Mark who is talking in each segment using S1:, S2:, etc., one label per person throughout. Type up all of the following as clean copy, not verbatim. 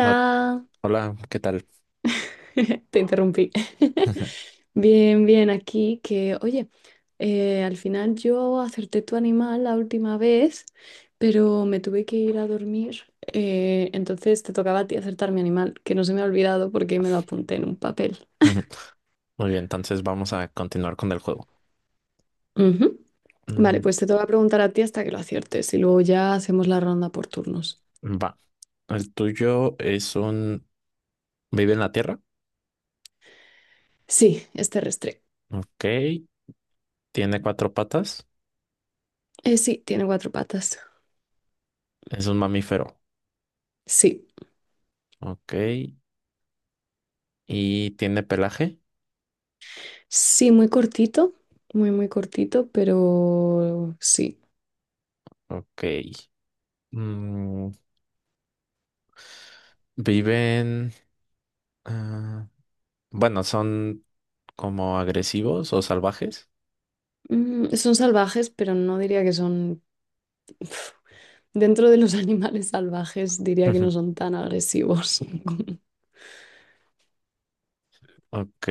S1: No, hola, ¿qué tal?
S2: te interrumpí. Bien, bien, aquí que, oye, al final yo acerté tu animal la última vez, pero me tuve que ir a dormir, entonces te tocaba a ti acertar mi animal, que no se me ha olvidado porque me lo apunté en un papel.
S1: Muy bien, entonces vamos a continuar con el juego.
S2: Ujú. Vale,
S1: Mm,
S2: pues te toca preguntar a ti hasta que lo aciertes y luego ya hacemos la ronda por turnos.
S1: Va. El tuyo es un... Vive en la tierra.
S2: Sí, es terrestre.
S1: Ok. Tiene cuatro patas.
S2: Sí, tiene cuatro patas.
S1: Es un mamífero.
S2: Sí.
S1: Ok. Y tiene pelaje.
S2: Sí, muy cortito, muy, muy cortito, pero sí.
S1: Ok. Mm, Viven... ah, bueno, son como agresivos o salvajes.
S2: Mm, son salvajes, pero no diría que son... Uf. Dentro de los animales salvajes, diría que no son tan agresivos.
S1: Ok.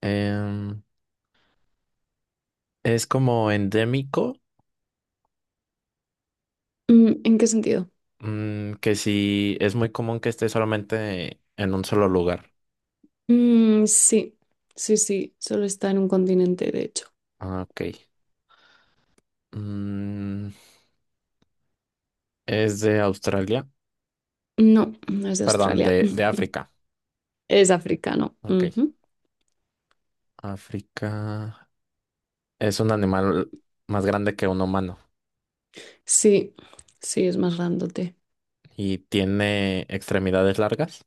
S1: Em, es como endémico.
S2: Mm, ¿en qué sentido?
S1: Mm, que si es muy común que esté solamente en un solo lugar.
S2: Mm, sí, sí, sí, solo está en un continente, de hecho.
S1: Ah, ok. Mm, es de Australia,
S2: No, no es de
S1: perdón,
S2: Australia,
S1: de África.
S2: es africano.
S1: Ok.
S2: Ujú.
S1: África, es un animal más grande que un humano
S2: Sí, sí, es más grandote.
S1: y tiene extremidades largas.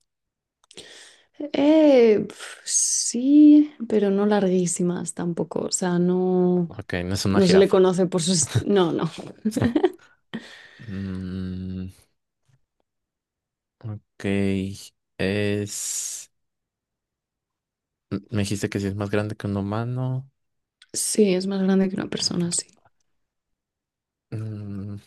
S2: Sí, pero no larguísimas tampoco, o sea, no...
S1: Ok, no es una
S2: No se le
S1: jirafa.
S2: conoce por sus... No, no.
S1: Mm, ok. Es... Me dijiste que si es más grande que un humano.
S2: Sí, es más grande que una persona, sí.
S1: Mm,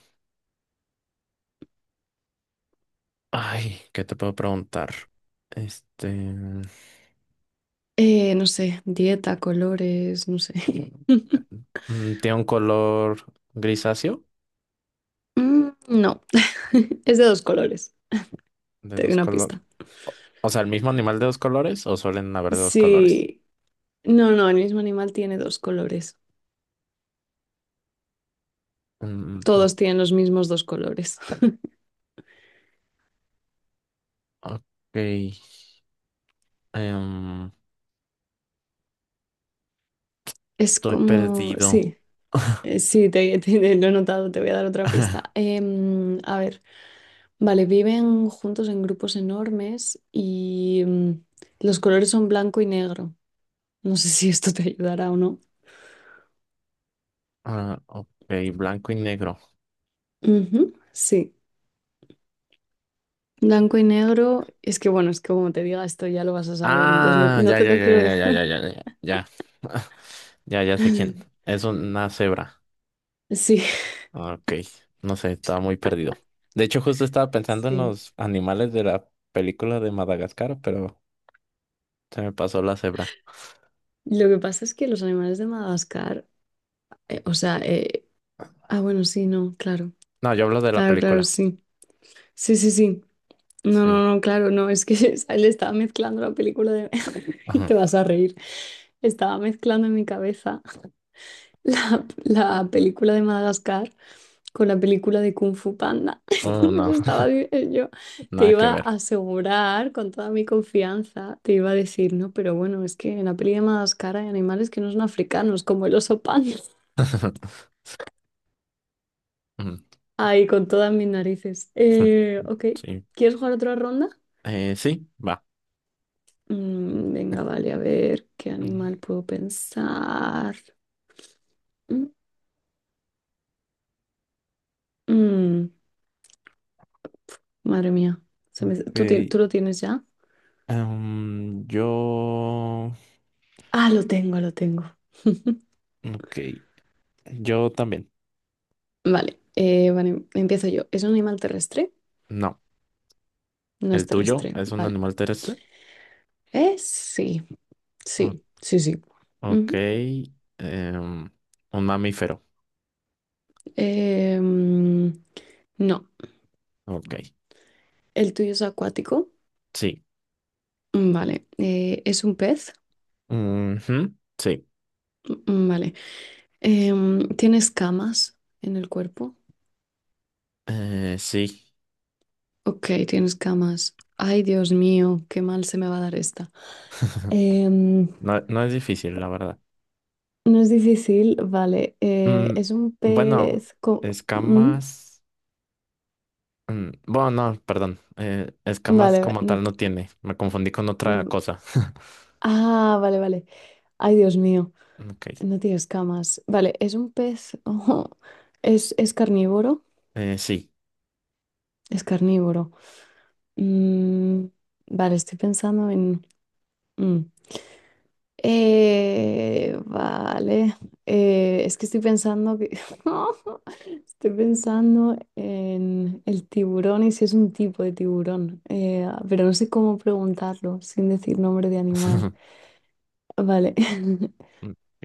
S1: ay, ¿qué te puedo preguntar? Este,
S2: No sé, dieta, colores, no sé.
S1: mm, tiene un color grisáceo,
S2: Mm, no, es de dos colores.
S1: de
S2: Te doy
S1: dos
S2: una
S1: colores.
S2: pista.
S1: O o sea, el mismo animal de dos colores o suelen haber de dos colores.
S2: Sí, no, no, el mismo animal tiene dos colores.
S1: Mm, no.
S2: Todos tienen los mismos dos colores.
S1: Ok, em,
S2: Es
S1: estoy
S2: como,
S1: perdido.
S2: sí, sí, lo he notado, te voy a dar otra pista. A ver, vale, viven juntos en grupos enormes y los colores son blanco y negro. No sé si esto te ayudará o no.
S1: Ah, ok, blanco y negro.
S2: Ujú, sí. Blanco y negro. Es que bueno, es que como te diga esto ya lo vas a saber, entonces no,
S1: Ah,
S2: no
S1: ya,
S2: te
S1: ya,
S2: lo
S1: ya,
S2: quiero
S1: ya, ya, ya,
S2: dejar.
S1: ya, ya, ya. Ya, ya sé quién. Es una cebra.
S2: Sí,
S1: Ah, ok, no sé, estaba muy perdido. De hecho, justo estaba pensando en
S2: sí.
S1: los animales de la película de Madagascar, pero se me pasó la cebra.
S2: Lo que pasa es que los animales de Madagascar, o sea, bueno, sí, no, claro,
S1: No, yo hablo de la
S2: claro, claro,
S1: película.
S2: sí. Sí, sí, sí. No,
S1: Sí.
S2: no, no, claro, no, es que le estaba mezclando la película de...
S1: Ajá.
S2: Te vas a reír. Estaba mezclando en mi cabeza la película de Madagascar con la película de Kung Fu Panda.
S1: Oh, no,
S2: Eso estaba yo. Te
S1: nada que
S2: iba a
S1: ver.
S2: asegurar con toda mi confianza, te iba a decir, no, pero bueno, es que en la peli de Madagascar hay animales que no son africanos, como el oso panda.
S1: Mm,
S2: Ahí, con todas mis narices. Ok,
S1: sí.
S2: ¿quieres jugar otra ronda?
S1: Sí, va.
S2: Mm, venga, vale, a ver qué
S1: Mm,
S2: animal puedo pensar. Mm, mm, madre mía,
S1: ok.
S2: ¿Tú, tú lo tienes ya?
S1: Em, yo.
S2: Ah, lo tengo, lo tengo.
S1: Ok. Yo también.
S2: Vale, vale, empiezo yo. ¿Es un animal terrestre?
S1: No.
S2: No es
S1: ¿El tuyo
S2: terrestre,
S1: es un
S2: vale.
S1: animal terrestre?
S2: Sí,
S1: O-
S2: sí, sí, sí.
S1: ok.
S2: Ujú.
S1: Em, un mamífero.
S2: Eh, mm, no,
S1: Ok.
S2: el tuyo es acuático.
S1: Sí.
S2: Mm, vale. ¿Es un pez?
S1: Ujú, sí,
S2: Mm, vale. ¿Tienes camas en el cuerpo?
S1: eh, sí,
S2: Ok, tienes camas. Ay, Dios mío, qué mal se me va a dar esta. Em,
S1: no, no es difícil, la verdad.
S2: no es difícil, vale.
S1: Mm,
S2: Es un
S1: bueno,
S2: pez. ¿Mm?
S1: escamas. Mm, bueno, no, perdón. Eh, escamas
S2: Vale, va-
S1: como
S2: no
S1: tal
S2: te-
S1: no tiene. Me confundí con otra
S2: mm,
S1: cosa.
S2: Ah, vale, vale. Ay, Dios mío.
S1: Ok,
S2: No tiene escamas. Vale, ¿es un pez? Ojo. Es carnívoro?
S1: sí.
S2: Es carnívoro. Mm, vale, estoy pensando en... mm. Vale. Es que estoy pensando que... Estoy pensando en el tiburón y si es un tipo de tiburón. Pero no sé cómo preguntarlo sin decir nombre de animal. Vale.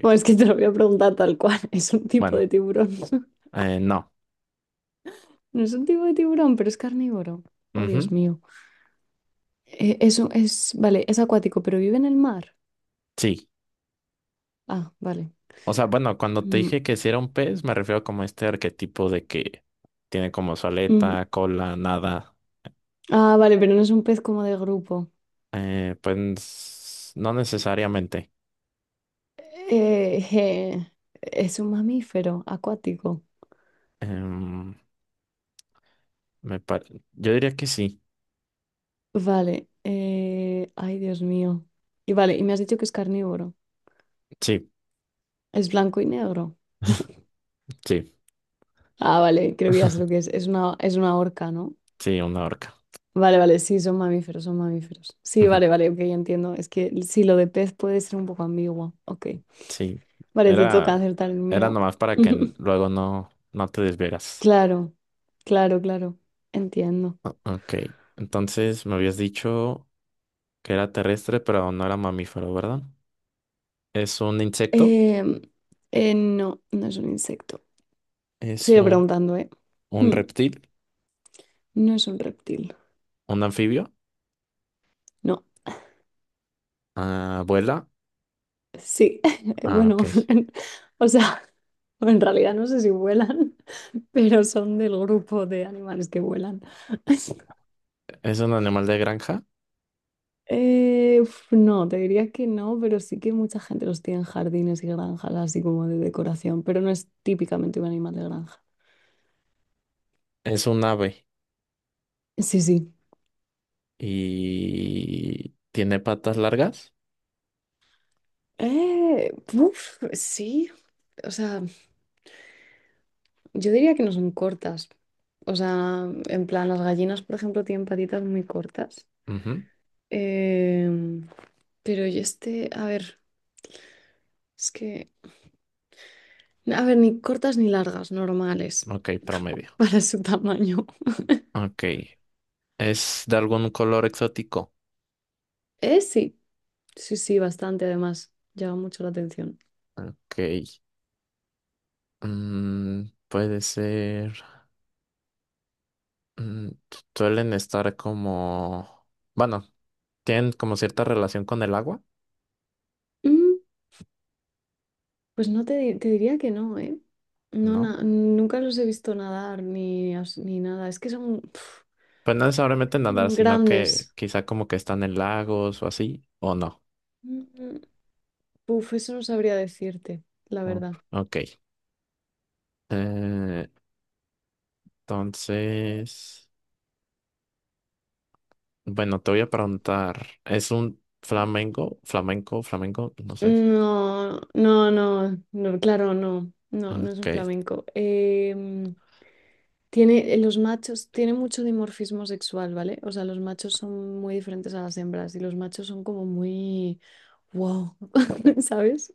S2: Bueno, es que te lo voy a preguntar tal cual. Es un tipo de
S1: bueno,
S2: tiburón.
S1: no.
S2: No es un tipo de tiburón, pero es carnívoro. Oh, Dios
S1: Ujú,
S2: mío. Eso es, vale, es acuático, pero vive en el mar.
S1: sí.
S2: Ah, vale.
S1: O sea, bueno, cuando te
S2: Mm,
S1: dije que si era un pez, me refiero como a este arquetipo de que tiene como su
S2: mm.
S1: aleta, cola, nada.
S2: Ah, vale, pero no es un pez como de grupo.
S1: Pues no necesariamente.
S2: Eh, eh, es un mamífero acuático.
S1: Em, Me par- yo diría que sí,
S2: Vale. Ay, Dios mío. Y vale, y me has dicho que es carnívoro.
S1: sí,
S2: Es blanco y negro.
S1: sí,
S2: Ah, vale, creo que ya sé lo que es. Es una orca, ¿no?
S1: sí, una orca.
S2: Vale, vale, sí, son mamíferos, son mamíferos. Sí, vale, vale, ok, ya entiendo. Es que sí, lo de pez puede ser un poco ambiguo. Ok.
S1: Sí,
S2: Vale, te toca
S1: era,
S2: acertar el
S1: era
S2: mío.
S1: nomás para que n- luego no, no te desvieras.
S2: Claro, claro, claro. Entiendo.
S1: O- ok, entonces me habías dicho que era terrestre, pero no era mamífero, ¿verdad? Es un insecto,
S2: Em, no, no es un insecto.
S1: es
S2: Sigue preguntando, ¿eh?
S1: un
S2: Mm,
S1: reptil,
S2: no es un reptil.
S1: un anfibio,
S2: No,
S1: ah, vuela,
S2: sí.
S1: ah,
S2: Bueno,
S1: ok.
S2: o sea, en realidad no sé si vuelan, pero son del grupo de animales que vuelan.
S1: Es un animal de granja,
S2: No, te diría que no, pero sí que mucha gente los tiene en jardines y granjas, así como de decoración, pero no es típicamente un animal de granja.
S1: es un ave
S2: Sí, sí.
S1: y tiene patas largas.
S2: Sí, o sea, yo diría que no son cortas. O sea, en plan, las gallinas, por ejemplo, tienen patitas muy cortas.
S1: Ujú,
S2: Em, pero y este, a ver, es que, a ver, ni cortas ni largas, normales,
S1: ok, promedio.
S2: para su tamaño.
S1: Ok. ¿Es de algún color exótico?
S2: Sí, sí, sí, bastante, además, llama mucho la atención.
S1: Ok. Mm, puede ser. Mm, su- suelen estar como. Bueno, tienen como cierta relación con el agua,
S2: Mm, pues no te, te diría que no, ¿eh? No,
S1: ¿no?
S2: nunca los he visto nadar ni, ni nada. Es que son...
S1: Pues no necesariamente nadar,
S2: Mm,
S1: sino que
S2: grandes.
S1: quizá como que están en lagos o así, o no.
S2: Mm, uf, eso no sabría decirte, la
S1: O-
S2: verdad.
S1: ok. Eh, entonces. Bueno, te voy a preguntar. ¿Es un flamenco? ¿Flamenco? ¿Flamenco? No sé.
S2: No, no, no, no, claro, no, no, no es
S1: Ok.
S2: un flamenco. Tiene, los machos, tiene mucho dimorfismo sexual, ¿vale? O sea, los machos son muy diferentes a las hembras y los machos son como muy, wow, ¿sabes?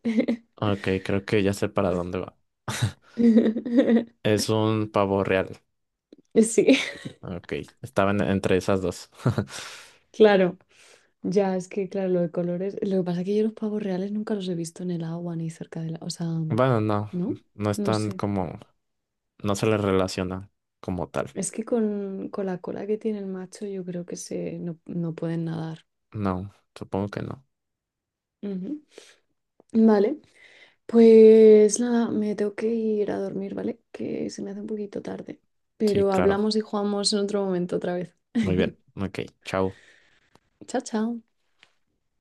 S1: Ok, creo que ya sé para dónde va. Es un pavo real.
S2: Sí,
S1: Ah, ok, estaban entre esas dos.
S2: claro. Ya, es que claro, lo de colores. Lo que pasa es que yo los pavos reales nunca los he visto en el agua ni cerca de la. O sea,
S1: Bueno, no,
S2: ¿no?
S1: no
S2: No
S1: están
S2: sé.
S1: como, no se les relaciona como tal.
S2: Es que con la cola que tiene el macho, yo creo que se no, no pueden nadar.
S1: No, supongo que no.
S2: Ujú. Vale. Pues nada, me tengo que ir a dormir, ¿vale? Que se me hace un poquito tarde.
S1: Sí,
S2: Pero
S1: claro.
S2: hablamos y jugamos en otro momento otra vez.
S1: Muy bien. Ok, chao.
S2: Chao, chao.